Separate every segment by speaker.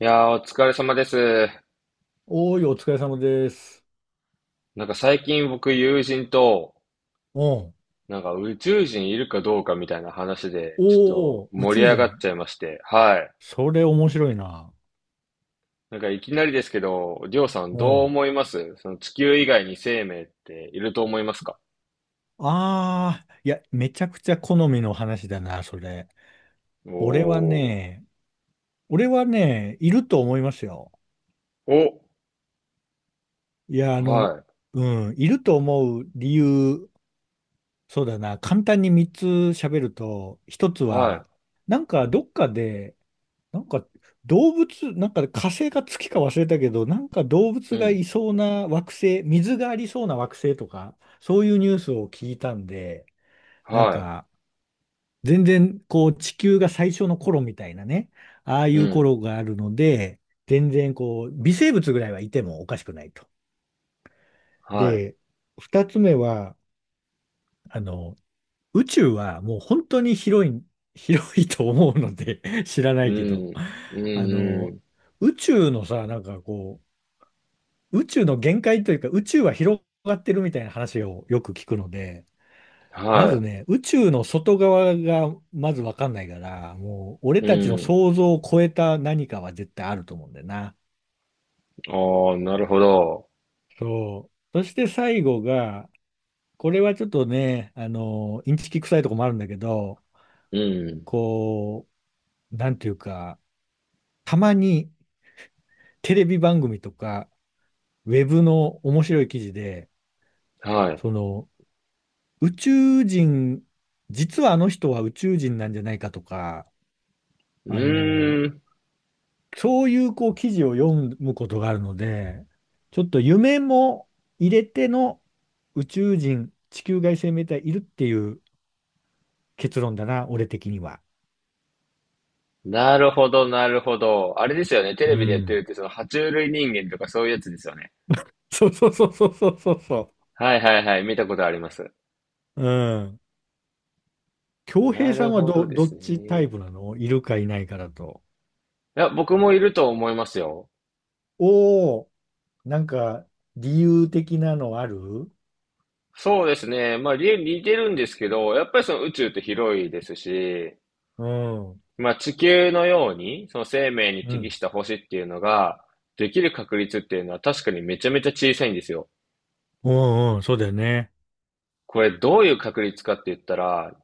Speaker 1: いやー、お疲れ様です。
Speaker 2: おーい、お疲れ様です。
Speaker 1: なんか最近僕友人と、
Speaker 2: お
Speaker 1: なんか宇宙人いるかどうかみたいな話で、ちょっと
Speaker 2: おー、宇
Speaker 1: 盛り
Speaker 2: 宙
Speaker 1: 上がっ
Speaker 2: 人。
Speaker 1: ちゃいまして、はい。
Speaker 2: それ面白いな。
Speaker 1: なんかいきなりですけど、りょうさん、どう
Speaker 2: お
Speaker 1: 思いますその地球以外に生命っていると思いますか？
Speaker 2: ああー、いや、めちゃくちゃ好みの話だな、それ。俺は
Speaker 1: おー。
Speaker 2: ね、俺はね、いると思いますよ。
Speaker 1: お、
Speaker 2: いや、あ
Speaker 1: は
Speaker 2: の、
Speaker 1: い、
Speaker 2: ういると思う理由、そうだな、簡単に3つ喋ると、1つは、
Speaker 1: は
Speaker 2: どっかでなんか動物、なんかね火星か月か忘れたけど、なんか動
Speaker 1: い、
Speaker 2: 物
Speaker 1: う
Speaker 2: がい
Speaker 1: ん、
Speaker 2: そうな惑星、水がありそうな惑星とか、そういうニュースを聞いたんで、なん
Speaker 1: は
Speaker 2: か全然こう地球が最初の頃みたいなね、ああい
Speaker 1: い、う
Speaker 2: う
Speaker 1: ん、
Speaker 2: 頃があるので、全然こう微生物ぐらいはいてもおかしくないと。
Speaker 1: はい、
Speaker 2: で、二つ目は、あの、宇宙はもう本当に広い、広いと思うので 知らな
Speaker 1: う
Speaker 2: いけど、
Speaker 1: ん、うん、
Speaker 2: あ
Speaker 1: う
Speaker 2: の、
Speaker 1: ん、
Speaker 2: 宇宙のさ、宇宙の限界というか、宇宙は広がってるみたいな話をよく聞くので、まず
Speaker 1: は
Speaker 2: ね、宇宙の外側がまずわかんないから、もう俺
Speaker 1: い、う
Speaker 2: たちの
Speaker 1: ん、
Speaker 2: 想像を超えた何かは絶対あると思うんだよな。
Speaker 1: あー、なるほど、
Speaker 2: そう。そして最後が、これはちょっとね、インチキ臭いとこもあるんだけど、
Speaker 1: うん、
Speaker 2: こう、なんていうか、たまにテレビ番組とか、ウェブの面白い記事で、
Speaker 1: はい。
Speaker 2: その、宇宙人、実はあの人は宇宙人なんじゃないかとか、
Speaker 1: う
Speaker 2: あの、
Speaker 1: ーん、
Speaker 2: そういうこう記事を読むことがあるので、ちょっと夢も入れての宇宙人、地球外生命体いるっていう結論だな、俺的には。
Speaker 1: なるほど、なるほど。あれですよね。テレ
Speaker 2: う
Speaker 1: ビでやってる
Speaker 2: ん。
Speaker 1: って、その、爬虫類人間とかそういうやつですよね。
Speaker 2: そうそうそうそうそうそうそ
Speaker 1: はいはいはい。見たことあります。
Speaker 2: う。うん。恭
Speaker 1: な
Speaker 2: 平さ
Speaker 1: る
Speaker 2: んは
Speaker 1: ほどで
Speaker 2: ど
Speaker 1: す
Speaker 2: っ
Speaker 1: ね。
Speaker 2: ちタイ
Speaker 1: い
Speaker 2: プなの、いるかいないかだと。
Speaker 1: や、僕もいると思いますよ。
Speaker 2: おお、なんか理由的なのある？
Speaker 1: そうですね。まあ、似てるんですけど、やっぱりその宇宙って広いですし、
Speaker 2: うん。
Speaker 1: まあ、地球のように、その生命に
Speaker 2: う
Speaker 1: 適
Speaker 2: ん。
Speaker 1: した星っていうのが、できる確率っていうのは確かにめちゃめちゃ小さいんですよ。
Speaker 2: うんうん、そうだよね。
Speaker 1: これどういう確率かって言ったら、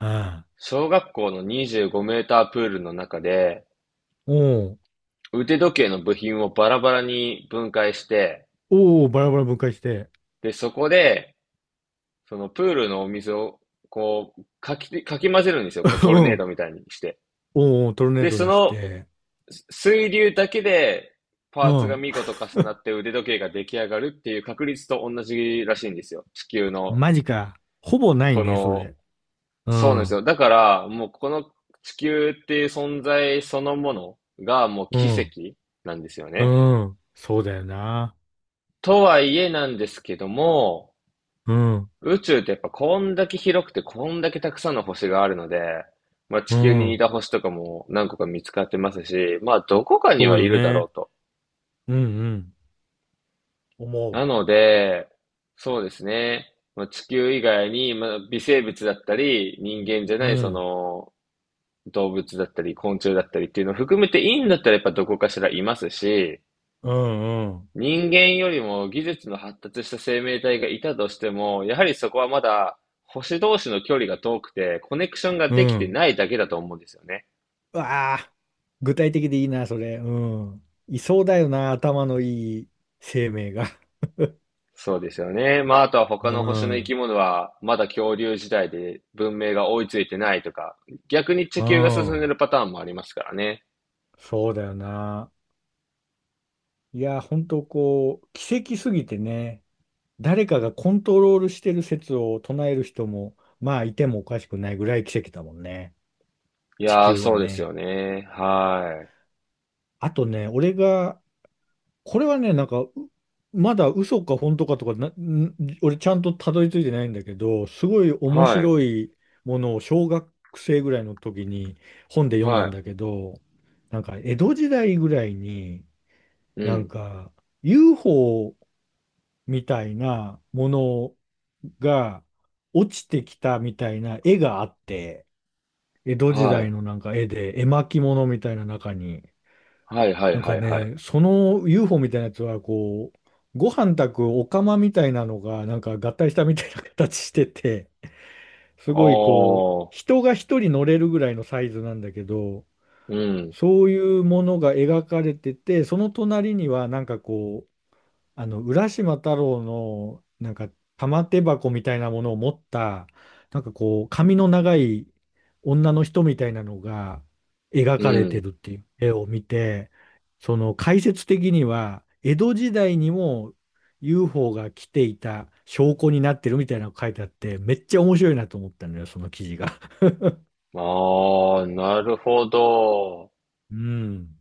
Speaker 2: うん。
Speaker 1: 小学校の25メータープールの中で、
Speaker 2: おう、
Speaker 1: 腕時計の部品をバラバラに分解して、
Speaker 2: おう、バラバラ分解して。
Speaker 1: で、そこで、そのプールのお水を、こう、かき混ぜるんですよ。こう、
Speaker 2: う
Speaker 1: ト
Speaker 2: ん。
Speaker 1: ルネー
Speaker 2: おう、
Speaker 1: ドみたいにして。
Speaker 2: おう、トルネー
Speaker 1: で、
Speaker 2: ド
Speaker 1: そ
Speaker 2: にし
Speaker 1: の
Speaker 2: て。
Speaker 1: 水流だけで、
Speaker 2: う
Speaker 1: パーツが
Speaker 2: ん。
Speaker 1: 見事重なって腕時計が出来上がるっていう確率と同じらしいんですよ。地球の、
Speaker 2: マジか。ほぼない
Speaker 1: こ
Speaker 2: ね、そ
Speaker 1: の、
Speaker 2: れ。う
Speaker 1: そうなんです
Speaker 2: ん。
Speaker 1: よ。だから、もうこの地球っていう存在そのものがもう
Speaker 2: う
Speaker 1: 奇
Speaker 2: ん。
Speaker 1: 跡なんですよ
Speaker 2: う
Speaker 1: ね。
Speaker 2: ん。そうだよな。
Speaker 1: とはいえなんですけども、
Speaker 2: うん。
Speaker 1: 宇宙ってやっぱこんだけ広くてこんだけたくさんの星があるので、まあ地
Speaker 2: う
Speaker 1: 球に似
Speaker 2: ん。
Speaker 1: た星とかも何個か見つかってますし、まあどこかに
Speaker 2: そ
Speaker 1: は
Speaker 2: う
Speaker 1: い
Speaker 2: よ
Speaker 1: るだろ
Speaker 2: ね。
Speaker 1: うと。
Speaker 2: うんうん。思
Speaker 1: な
Speaker 2: う。
Speaker 1: ので、そうですね。まあ、地球以外に、まあ、微生物だったり、人間じゃ
Speaker 2: う
Speaker 1: ないそ
Speaker 2: ん。
Speaker 1: の動物だったり、昆虫だったりっていうのを含めていいんだったらやっぱどこかしらいますし、
Speaker 2: うんうん。
Speaker 1: 人間よりも技術の発達した生命体がいたとしても、やはりそこはまだ星同士の距離が遠くて、コネクションが
Speaker 2: う
Speaker 1: できて
Speaker 2: ん。
Speaker 1: ないだけだと思うんですよね。
Speaker 2: うわあ、具体的でいいな、それ。うん。いそうだよな、頭のいい生命が。
Speaker 1: そうですよね。まあ、あとは他
Speaker 2: う
Speaker 1: の星の生き
Speaker 2: ん。
Speaker 1: 物は、まだ恐竜時代で文明が追いついてないとか、逆に地
Speaker 2: う
Speaker 1: 球が進んで
Speaker 2: ん。
Speaker 1: るパターンもありますからね。
Speaker 2: そうだよな。いや、本当こう、奇跡すぎてね、誰かがコントロールしてる説を唱える人も、まあ、いてもおかしくないぐらい奇跡だもんね。
Speaker 1: い
Speaker 2: 地
Speaker 1: やー、
Speaker 2: 球は
Speaker 1: そうです
Speaker 2: ね。
Speaker 1: よね。は
Speaker 2: あとね、俺が、これはね、まだ嘘か本当かとかな、俺ちゃんとたどり着いてないんだけど、すごい
Speaker 1: い。
Speaker 2: 面
Speaker 1: は
Speaker 2: 白
Speaker 1: い。
Speaker 2: いものを小学生ぐらいの時に本で読んだん
Speaker 1: は
Speaker 2: だけど、なんか江戸時代ぐらいに、
Speaker 1: い。う
Speaker 2: なん
Speaker 1: ん。
Speaker 2: か UFO みたいなものが落ちてきたみたいな絵があって、江戸時
Speaker 1: は
Speaker 2: 代
Speaker 1: い。
Speaker 2: のなんか絵で絵巻物みたいな中に、
Speaker 1: はい、はい、
Speaker 2: なん
Speaker 1: は
Speaker 2: か
Speaker 1: い、はい。
Speaker 2: ね、その UFO みたいなやつはこう、ご飯炊くお釜みたいなのがなんか合体したみたいな形してて、
Speaker 1: あ
Speaker 2: すごいこう、
Speaker 1: ー。
Speaker 2: 人が一人乗れるぐらいのサイズなんだけど、
Speaker 1: うん。
Speaker 2: そういうものが描かれてて、その隣にはなんかこう、あの、浦島太郎の、なんか、玉手箱みたいなものを持った、なんかこう、髪の長い女の人みたいなのが描
Speaker 1: う
Speaker 2: かれて
Speaker 1: ん。
Speaker 2: るっていう絵を見て、その解説的には、江戸時代にも UFO が来ていた証拠になってるみたいなのが書いてあって、めっちゃ面白いなと思ったのよ、その記事が。
Speaker 1: ああ、なるほど。
Speaker 2: うん。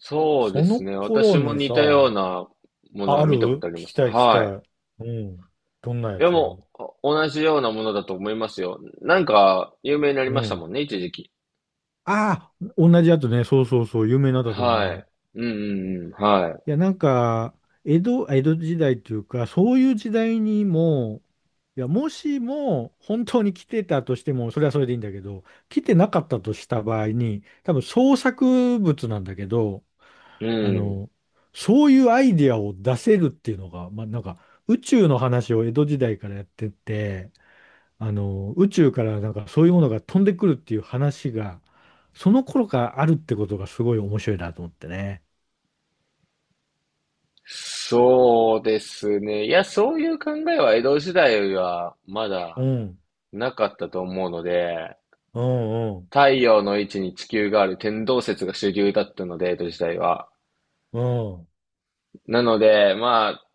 Speaker 1: そうで
Speaker 2: そ
Speaker 1: す
Speaker 2: の
Speaker 1: ね。
Speaker 2: 頃
Speaker 1: 私も
Speaker 2: に
Speaker 1: 似
Speaker 2: さ、
Speaker 1: たようなものは
Speaker 2: ある？
Speaker 1: 見たことあ
Speaker 2: 聞
Speaker 1: りま
Speaker 2: き
Speaker 1: す。
Speaker 2: たい聞きた
Speaker 1: は
Speaker 2: い。うん。どんな
Speaker 1: い。い
Speaker 2: や
Speaker 1: や、
Speaker 2: つ？
Speaker 1: もう、同じようなものだと思いますよ。なんか、有名になり
Speaker 2: う
Speaker 1: ました
Speaker 2: ん。
Speaker 1: もんね、一時期。
Speaker 2: ああ、同じやつね。そうそうそう、有名なんだと
Speaker 1: は
Speaker 2: 思う。
Speaker 1: い。うんうんうん。は
Speaker 2: いや、なんか、江戸時代っていうか、そういう時代にも、いや、もしも本当に来てたとしても、それはそれでいいんだけど、来てなかったとした場合に、多分創作物なんだけど、
Speaker 1: い。う
Speaker 2: あ
Speaker 1: ん。
Speaker 2: の、そういうアイディアを出せるっていうのが、まあ、なんか、宇宙の話を江戸時代からやってて、宇宙からなんかそういうものが飛んでくるっていう話が、その頃からあるってことがすごい面白いなと思ってね。
Speaker 1: そうですね。いや、そういう考えは江戸時代はま
Speaker 2: う
Speaker 1: だ
Speaker 2: ん、
Speaker 1: なかったと思うので、
Speaker 2: うん、うん、
Speaker 1: 太陽の位置に地球がある天動説が主流だったので、江戸時代は。
Speaker 2: う
Speaker 1: なので、まあ、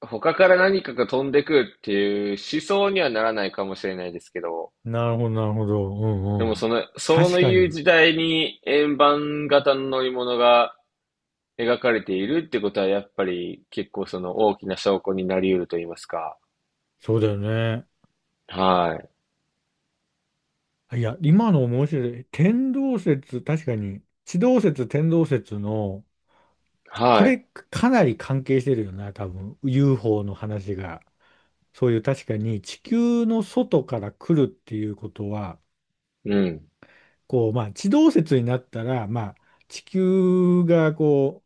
Speaker 1: 他から何かが飛んでくるっていう思想にはならないかもしれないですけど、
Speaker 2: ん。なるほど、なるほど。う
Speaker 1: で
Speaker 2: ん、
Speaker 1: も
Speaker 2: う
Speaker 1: そ
Speaker 2: ん。
Speaker 1: の、そ
Speaker 2: 確
Speaker 1: う
Speaker 2: か
Speaker 1: いう
Speaker 2: に、
Speaker 1: 時代に円盤型の乗り物が描かれているってことは、やっぱり結構その大きな証拠になり得ると言いますか。
Speaker 2: そうだよね。
Speaker 1: はい。
Speaker 2: いや、今の面白い。天動説、確かに、地動説、天動説の、こ
Speaker 1: は
Speaker 2: れ
Speaker 1: い。
Speaker 2: かなり関係してるよな、多分。UFO の話が。そういう確かに地球の外から来るっていうことは、
Speaker 1: うん。
Speaker 2: こう、まあ、地動説になったら、まあ、地球がこ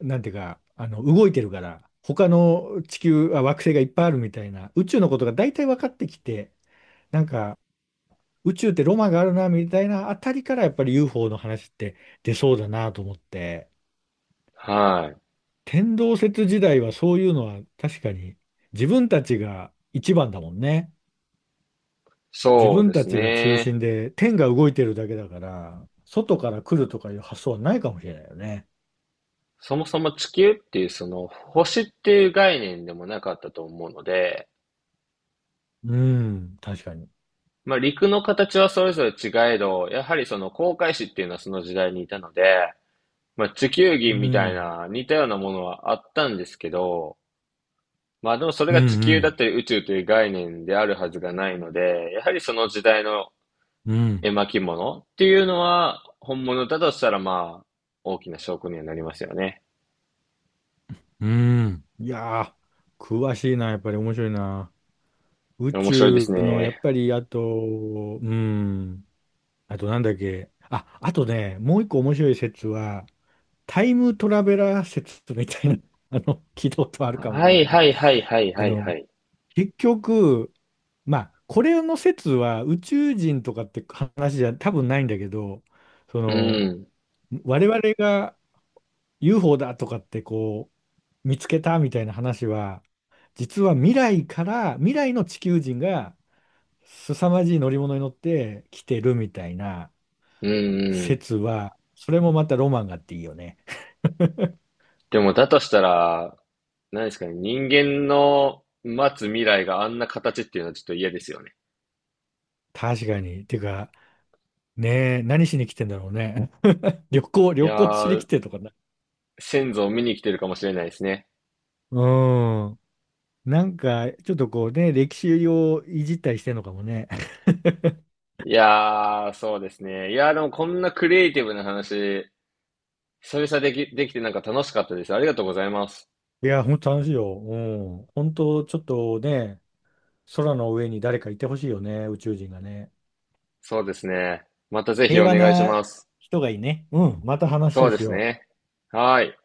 Speaker 2: う、なんていうか、あの、動いてるから、他の地球、あ、惑星がいっぱいあるみたいな、宇宙のことが大体分かってきて、なんか、宇宙ってロマンがあるな、みたいなあたりから、やっぱり UFO の話って出そうだなと思って、
Speaker 1: はい。
Speaker 2: 天動説時代はそういうのは確かに、自分たちが一番だもんね。自
Speaker 1: そう
Speaker 2: 分
Speaker 1: で
Speaker 2: た
Speaker 1: す
Speaker 2: ちが中
Speaker 1: ね。
Speaker 2: 心で、天が動いてるだけだから、外から来るとかいう発想はないかもしれないよね。
Speaker 1: そもそも地球っていうその星っていう概念でもなかったと思うので、
Speaker 2: うん、確かに。
Speaker 1: まあ陸の形はそれぞれ違えど、やはりその航海士っていうのはその時代にいたので、まあ、地球儀
Speaker 2: う
Speaker 1: みたい
Speaker 2: ん、
Speaker 1: な似たようなものはあったんですけど、まあでもそれ
Speaker 2: うん、
Speaker 1: が
Speaker 2: う
Speaker 1: 地球だっ
Speaker 2: ん、
Speaker 1: たり宇宙という概念であるはずがないので、やはりその時代の
Speaker 2: うん、
Speaker 1: 絵巻物っていうのは本物だとしたら、まあ大きな証拠にはなりますよね。
Speaker 2: うん。いやー、詳しいな、やっぱり面白いな。宇
Speaker 1: 面白いです
Speaker 2: 宙の、やっ
Speaker 1: ね。
Speaker 2: ぱり、あと、うん、あとなんだっけ。あ、あとね、もう一個面白い説は、タイムトラベラー説みたいな、聞いたことあるかもしれ
Speaker 1: は
Speaker 2: ない
Speaker 1: い
Speaker 2: けど、
Speaker 1: はいはいはいはいはい。
Speaker 2: 結局、まあ、これの説は宇宙人とかって話じゃ多分ないんだけど、そ
Speaker 1: う
Speaker 2: の、
Speaker 1: ん。
Speaker 2: 我々が UFO だとかってこう、見つけたみたいな話は、実は未来から、未来の地球人が凄まじい乗り物に乗って来てるみたいな
Speaker 1: うんうん。
Speaker 2: 説は、それもまたロマンがあっていいよね。
Speaker 1: でもだとしたら、何ですかね、人間の待つ未来があんな形っていうのはちょっと嫌ですよね。
Speaker 2: 確かに。てか、ねえ、何しに来てんだろうね。
Speaker 1: い
Speaker 2: 旅
Speaker 1: や
Speaker 2: 行しに来
Speaker 1: ー、
Speaker 2: てとかな。
Speaker 1: 先祖を見に来てるかもしれないですね。
Speaker 2: うん。なんか、ちょっとこうね、歴史をいじったりしてんのかもね。
Speaker 1: いやー、そうですね。いやー、でもこんなクリエイティブな話、久々できてなんか楽しかったです。ありがとうございます。
Speaker 2: いや、本当楽しいよ。うん。本当、ちょっとね、空の上に誰かいてほしいよね、宇宙人がね。
Speaker 1: そうですね。またぜひ
Speaker 2: 平
Speaker 1: お
Speaker 2: 和
Speaker 1: 願いし
Speaker 2: な
Speaker 1: ます。
Speaker 2: 人がいいね。うん。また
Speaker 1: そう
Speaker 2: 話
Speaker 1: で
Speaker 2: し
Speaker 1: す
Speaker 2: よう。
Speaker 1: ね。はーい。